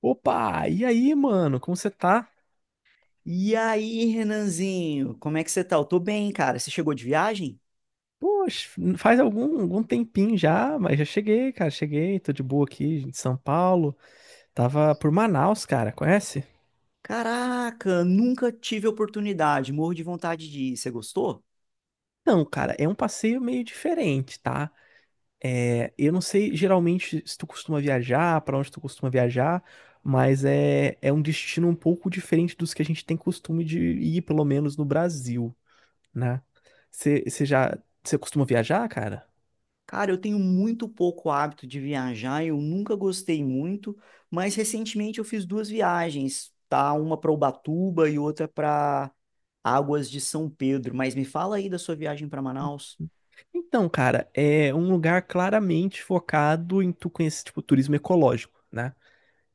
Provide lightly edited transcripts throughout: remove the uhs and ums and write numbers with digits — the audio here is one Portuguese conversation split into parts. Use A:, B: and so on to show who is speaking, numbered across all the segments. A: Opa, e aí, mano, como você tá?
B: E aí, Renanzinho, como é que você tá? Eu tô bem, cara. Você chegou de viagem?
A: Poxa, faz algum tempinho já, mas já cheguei, cara, cheguei, tô de boa aqui em São Paulo. Tava por Manaus, cara, conhece?
B: Caraca, nunca tive oportunidade. Morro de vontade de ir. Você gostou?
A: Não, cara, é um passeio meio diferente, tá? É, eu não sei geralmente se tu costuma viajar, pra onde tu costuma viajar, mas é um destino um pouco diferente dos que a gente tem costume de ir, pelo menos no Brasil, né? Você já, você costuma viajar, cara?
B: Cara, eu tenho muito pouco hábito de viajar, eu nunca gostei muito, mas recentemente eu fiz duas viagens, tá? Uma pra Ubatuba e outra pra Águas de São Pedro. Mas me fala aí da sua viagem pra Manaus.
A: Então, cara, é um lugar claramente focado em tu conhecer, tipo, turismo ecológico, né?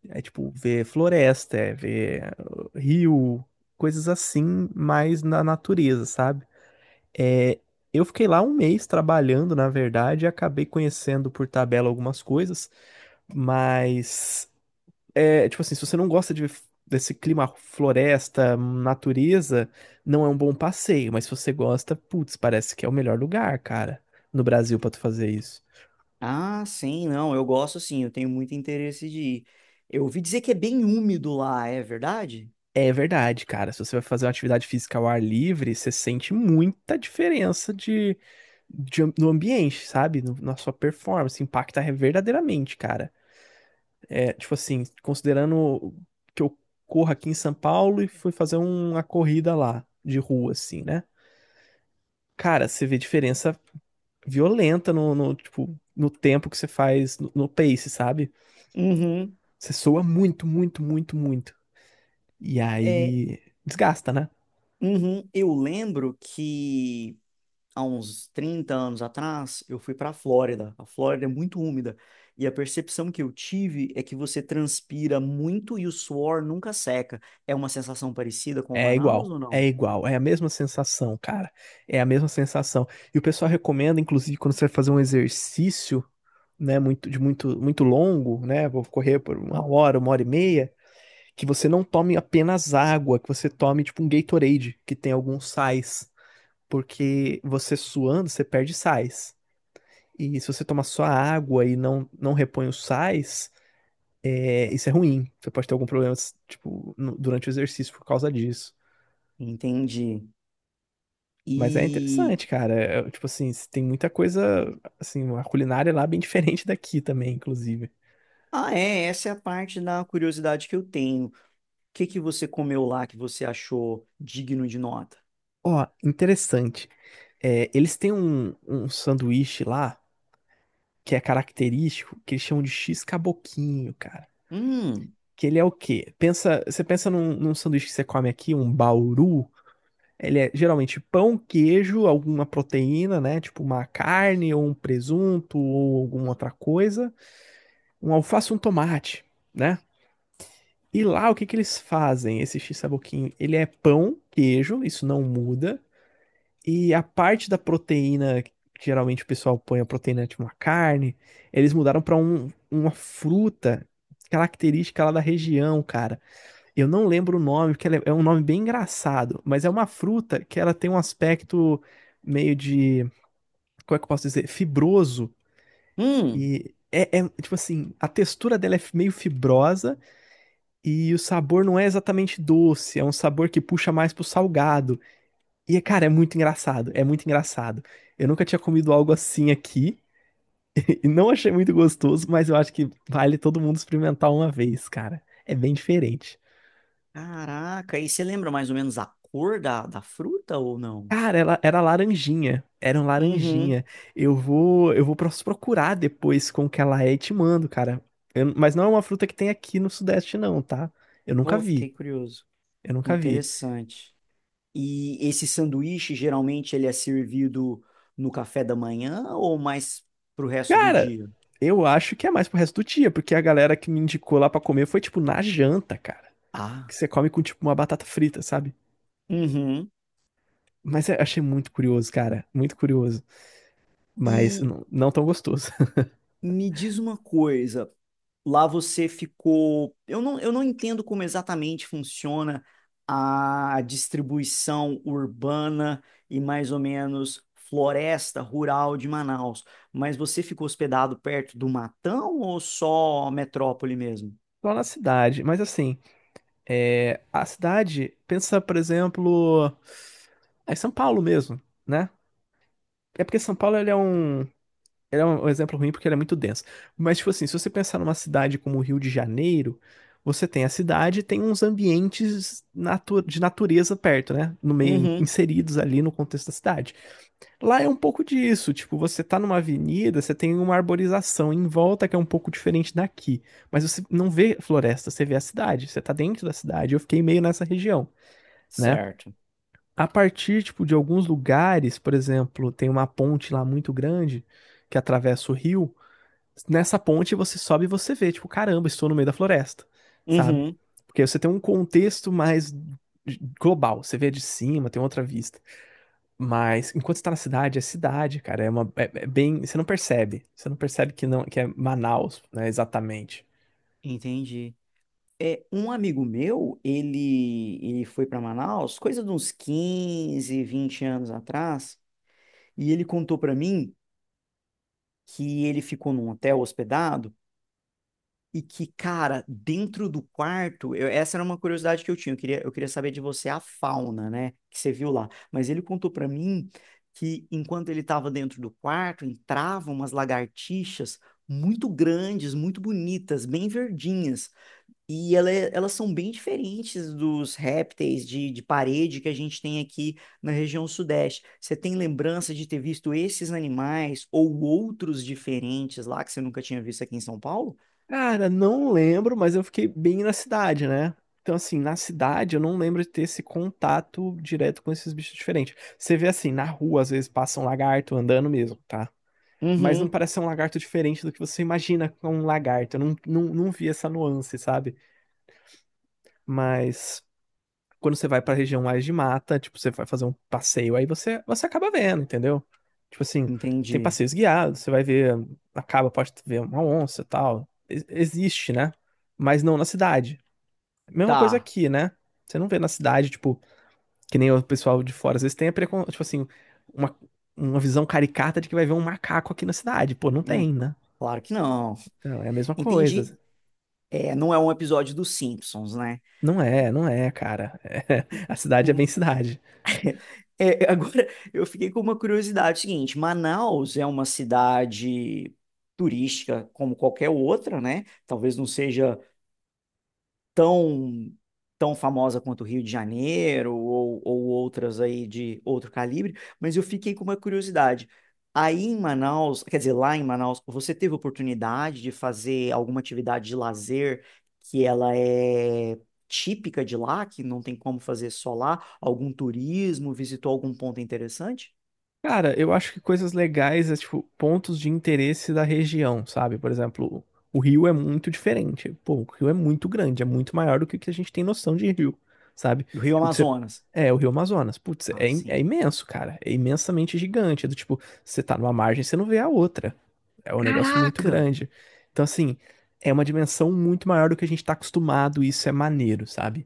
A: É tipo, ver floresta, é ver rio, coisas assim, mais na natureza, sabe? É, eu fiquei lá um mês trabalhando, na verdade, e acabei conhecendo por tabela algumas coisas, mas é, tipo assim, se você não gosta de, desse clima floresta, natureza, não é um bom passeio, mas se você gosta, putz, parece que é o melhor lugar, cara, no Brasil pra tu fazer isso.
B: Ah, sim, não, eu gosto sim, eu tenho muito interesse de ir. Eu ouvi dizer que é bem úmido lá, é verdade?
A: É verdade, cara. Se você vai fazer uma atividade física ao ar livre, você sente muita diferença de, no ambiente, sabe? Na sua performance, impacta verdadeiramente, cara. É, tipo assim, considerando que eu corro aqui em São Paulo e fui fazer uma corrida lá de rua, assim, né? Cara, você vê diferença violenta tipo, no tempo que você faz no pace, sabe?
B: Uhum.
A: Você soa muito, muito, muito, muito. E
B: É,
A: aí desgasta, né?
B: uhum, eu lembro que há uns 30 anos atrás eu fui para a Flórida. A Flórida é muito úmida e a percepção que eu tive é que você transpira muito e o suor nunca seca. É uma sensação parecida com
A: É
B: Manaus
A: igual.
B: ou
A: É
B: não?
A: igual, é a mesma sensação, cara. É a mesma sensação. E o pessoal recomenda, inclusive, quando você vai fazer um exercício, né, muito de muito longo, né, vou correr por uma hora e meia, que você não tome apenas água, que você tome tipo um Gatorade, que tem alguns sais porque você suando, você perde sais. E se você toma só água e não repõe os sais, é, isso é ruim. Você pode ter algum problema, tipo, durante o exercício por causa disso.
B: Entendi.
A: Mas é
B: E
A: interessante, cara. Tipo assim, tem muita coisa, assim, a culinária lá é bem diferente daqui também, inclusive.
B: essa é a parte da curiosidade que eu tenho. O que que você comeu lá que você achou digno de nota?
A: Ó, interessante. É, eles têm um sanduíche lá que é característico, que eles chamam de X caboquinho, cara.
B: Hum.
A: Que ele é o quê? Você pensa num sanduíche que você come aqui, um bauru, ele é geralmente pão, queijo, alguma proteína, né? Tipo uma carne ou um presunto ou alguma outra coisa. Um alface, e um tomate, né? E lá o que que eles fazem? Esse x ele é pão, queijo, isso não muda. E a parte da proteína, que geralmente o pessoal põe a proteína tipo uma carne, eles mudaram para uma fruta característica lá da região, cara. Eu não lembro o nome, porque ela é um nome bem engraçado, mas é uma fruta que ela tem um aspecto meio de, como é que eu posso dizer, fibroso
B: Hum.
A: e tipo assim, a textura dela é meio fibrosa e o sabor não é exatamente doce, é um sabor que puxa mais pro salgado. E cara, é muito engraçado, é muito engraçado. Eu nunca tinha comido algo assim aqui e não achei muito gostoso, mas eu acho que vale todo mundo experimentar uma vez, cara. É bem diferente.
B: Caraca, e você lembra mais ou menos a cor da fruta ou não?
A: Cara, ela era laranjinha. Era um
B: Uhum.
A: laranjinha. Eu vou pro procurar depois com que ela é e te mando, cara. Mas não é uma fruta que tem aqui no Sudeste, não, tá? Eu nunca
B: Pô, fiquei
A: vi.
B: curioso.
A: Eu nunca vi.
B: Interessante. E esse sanduíche, geralmente, ele é servido no café da manhã ou mais pro resto do
A: Cara,
B: dia?
A: eu acho que é mais pro resto do dia, porque a galera que me indicou lá pra comer foi tipo na janta, cara. Que
B: Ah.
A: você come com tipo uma batata frita, sabe?
B: Uhum.
A: Mas eu achei muito curioso, cara. Muito curioso. Mas
B: E
A: não tão gostoso.
B: me diz uma coisa. Lá você ficou. Eu não entendo como exatamente funciona a distribuição urbana e mais ou menos floresta rural de Manaus, mas você ficou hospedado perto do Matão ou só metrópole mesmo?
A: Só na cidade. Mas assim, é, a cidade, pensa, por exemplo. É São Paulo mesmo, né? É porque São Paulo ele é um exemplo ruim porque ele é muito denso. Mas, tipo assim, se você pensar numa cidade como o Rio de Janeiro, você tem a cidade e tem uns ambientes de natureza perto, né? No meio,
B: Uhum.
A: inseridos ali no contexto da cidade. Lá é um pouco disso, tipo, você tá numa avenida, você tem uma arborização em volta que é um pouco diferente daqui. Mas você não vê floresta, você vê a cidade, você tá dentro da cidade. Eu fiquei meio nessa região, né?
B: Certo.
A: A partir, tipo, de alguns lugares, por exemplo, tem uma ponte lá muito grande que atravessa o rio. Nessa ponte você sobe e você vê, tipo, caramba, estou no meio da floresta, sabe?
B: Uhum.
A: Porque aí você tem um contexto mais global, você vê de cima, tem outra vista. Mas enquanto você tá na cidade, é cidade, cara, é bem, você não percebe que não que é Manaus, né, exatamente.
B: Entendi. É, um amigo meu, ele foi para Manaus, coisa de uns 15 ou 20 anos atrás, e ele contou para mim que ele ficou num hotel hospedado. E que, cara, dentro do quarto, essa era uma curiosidade que eu tinha. Eu queria saber de você a fauna, né? Que você viu lá. Mas ele contou pra mim que enquanto ele estava dentro do quarto, entravam umas lagartixas muito grandes, muito bonitas, bem verdinhas. E elas são bem diferentes dos répteis de parede que a gente tem aqui na região sudeste. Você tem lembrança de ter visto esses animais ou outros diferentes lá que você nunca tinha visto aqui em São Paulo?
A: Cara, não lembro, mas eu fiquei bem na cidade, né? Então, assim, na cidade eu não lembro de ter esse contato direto com esses bichos diferentes. Você vê assim, na rua, às vezes passa um lagarto andando mesmo, tá? Mas não
B: Uhum.
A: parece ser um lagarto diferente do que você imagina com um lagarto. Eu não vi essa nuance, sabe? Mas quando você vai pra região mais de mata, tipo, você vai fazer um passeio, aí você acaba vendo, entendeu? Tipo assim, tem
B: Entendi.
A: passeios guiados, você vai ver, acaba, pode ver uma onça e tal. Existe, né? Mas não na cidade. Mesma coisa
B: Tá.
A: aqui, né? Você não vê na cidade, tipo, que nem o pessoal de fora, às vezes tem a precon... tipo assim, uma, uma visão caricata de que vai ver um macaco aqui na cidade. Pô, não
B: Hum,
A: tem, né?
B: claro que não.
A: Então, é a mesma
B: Entendi.
A: coisa.
B: É, não é um episódio dos Simpsons, né?
A: Não é, não é, cara. É,
B: Hum.
A: a cidade é
B: Hum.
A: bem cidade.
B: É, agora, eu fiquei com uma curiosidade seguinte: Manaus é uma cidade turística como qualquer outra, né? Talvez não seja tão tão famosa quanto o Rio de Janeiro ou outras aí de outro calibre, mas eu fiquei com uma curiosidade. Aí em Manaus, quer dizer, lá em Manaus, você teve oportunidade de fazer alguma atividade de lazer que ela é típica de lá, que não tem como fazer só lá? Algum turismo? Visitou algum ponto interessante?
A: Cara, eu acho que coisas legais é tipo pontos de interesse da região, sabe? Por exemplo, o Rio é muito diferente. Pô, o Rio é muito grande, é muito maior do que o que a gente tem noção de Rio, sabe?
B: Do Rio
A: Tipo, que você.
B: Amazonas.
A: É, o Rio Amazonas. Putz,
B: Ah,
A: é
B: sim.
A: imenso, cara. É imensamente gigante. É do tipo, você tá numa margem, você não vê a outra. É um negócio muito
B: Caraca!
A: grande. Então, assim, é uma dimensão muito maior do que a gente tá acostumado, e isso é maneiro, sabe?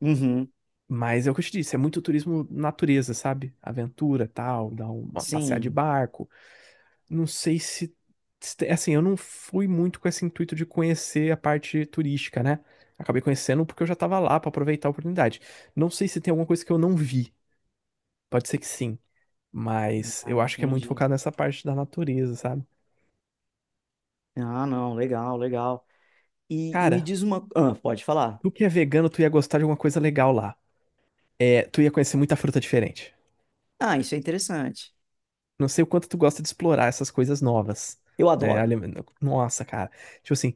B: Uhum.
A: Mas é o que eu te disse, é muito turismo natureza, sabe? Aventura, tal, dar um, uma passear de
B: Sim.
A: barco. Não sei se assim, eu não fui muito com esse intuito de conhecer a parte turística, né? Acabei conhecendo porque eu já tava lá pra aproveitar a oportunidade. Não sei se tem alguma coisa que eu não vi. Pode ser que sim, mas
B: Ah,
A: eu acho que é muito
B: entendi.
A: focado nessa parte da natureza, sabe?
B: Ah, não, legal, legal. E me
A: Cara,
B: diz uma. Ah, pode falar.
A: tu que é vegano, tu ia gostar de alguma coisa legal lá. É, tu ia conhecer muita fruta diferente.
B: Ah, isso é interessante.
A: Não sei o quanto tu gosta de explorar essas coisas novas,
B: Eu
A: né?
B: adoro.
A: Nossa, cara. Tipo assim,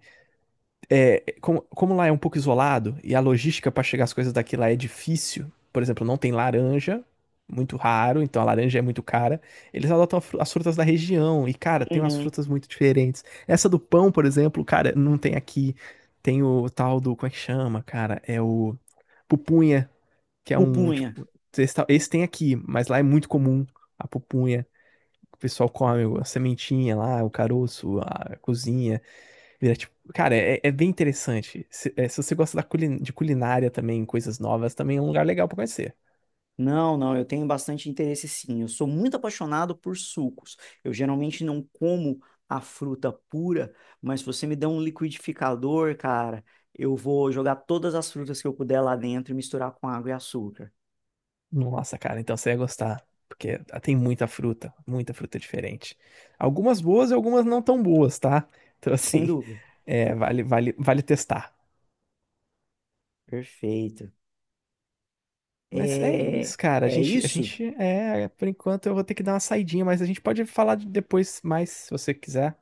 A: é, como lá é um pouco isolado e a logística para chegar as coisas daqui lá é difícil, por exemplo, não tem laranja, muito raro, então a laranja é muito cara. Eles adotam a as frutas da região e, cara, tem umas
B: Uhum.
A: frutas muito diferentes. Essa do pão, por exemplo, cara, não tem aqui. Tem o tal do, como é que chama, cara? É o pupunha, que é um,
B: Pupunha.
A: tipo, esse tem aqui, mas lá é muito comum a pupunha. O pessoal come a sementinha lá, o caroço, a cozinha. Vira, tipo, cara, é bem interessante. Se você gosta da de culinária também, coisas novas, também é um lugar legal pra conhecer.
B: Não, não, eu tenho bastante interesse sim. Eu sou muito apaixonado por sucos. Eu geralmente não como a fruta pura, mas se você me der um liquidificador, cara, eu vou jogar todas as frutas que eu puder lá dentro e misturar com água e açúcar.
A: Nossa, cara, então você ia gostar. Porque tem muita fruta diferente. Algumas boas e algumas não tão boas, tá? Então,
B: Sem
A: assim,
B: dúvida.
A: é, vale, vale, vale testar.
B: Perfeito.
A: Mas é isso,
B: É,
A: cara.
B: é isso?
A: Por enquanto eu vou ter que dar uma saidinha, mas a gente pode falar depois mais, se você quiser.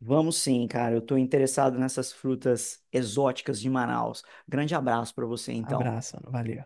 B: Vamos sim, cara. Eu tô interessado nessas frutas exóticas de Manaus. Grande abraço para você, então.
A: Abraço, mano. Valeu.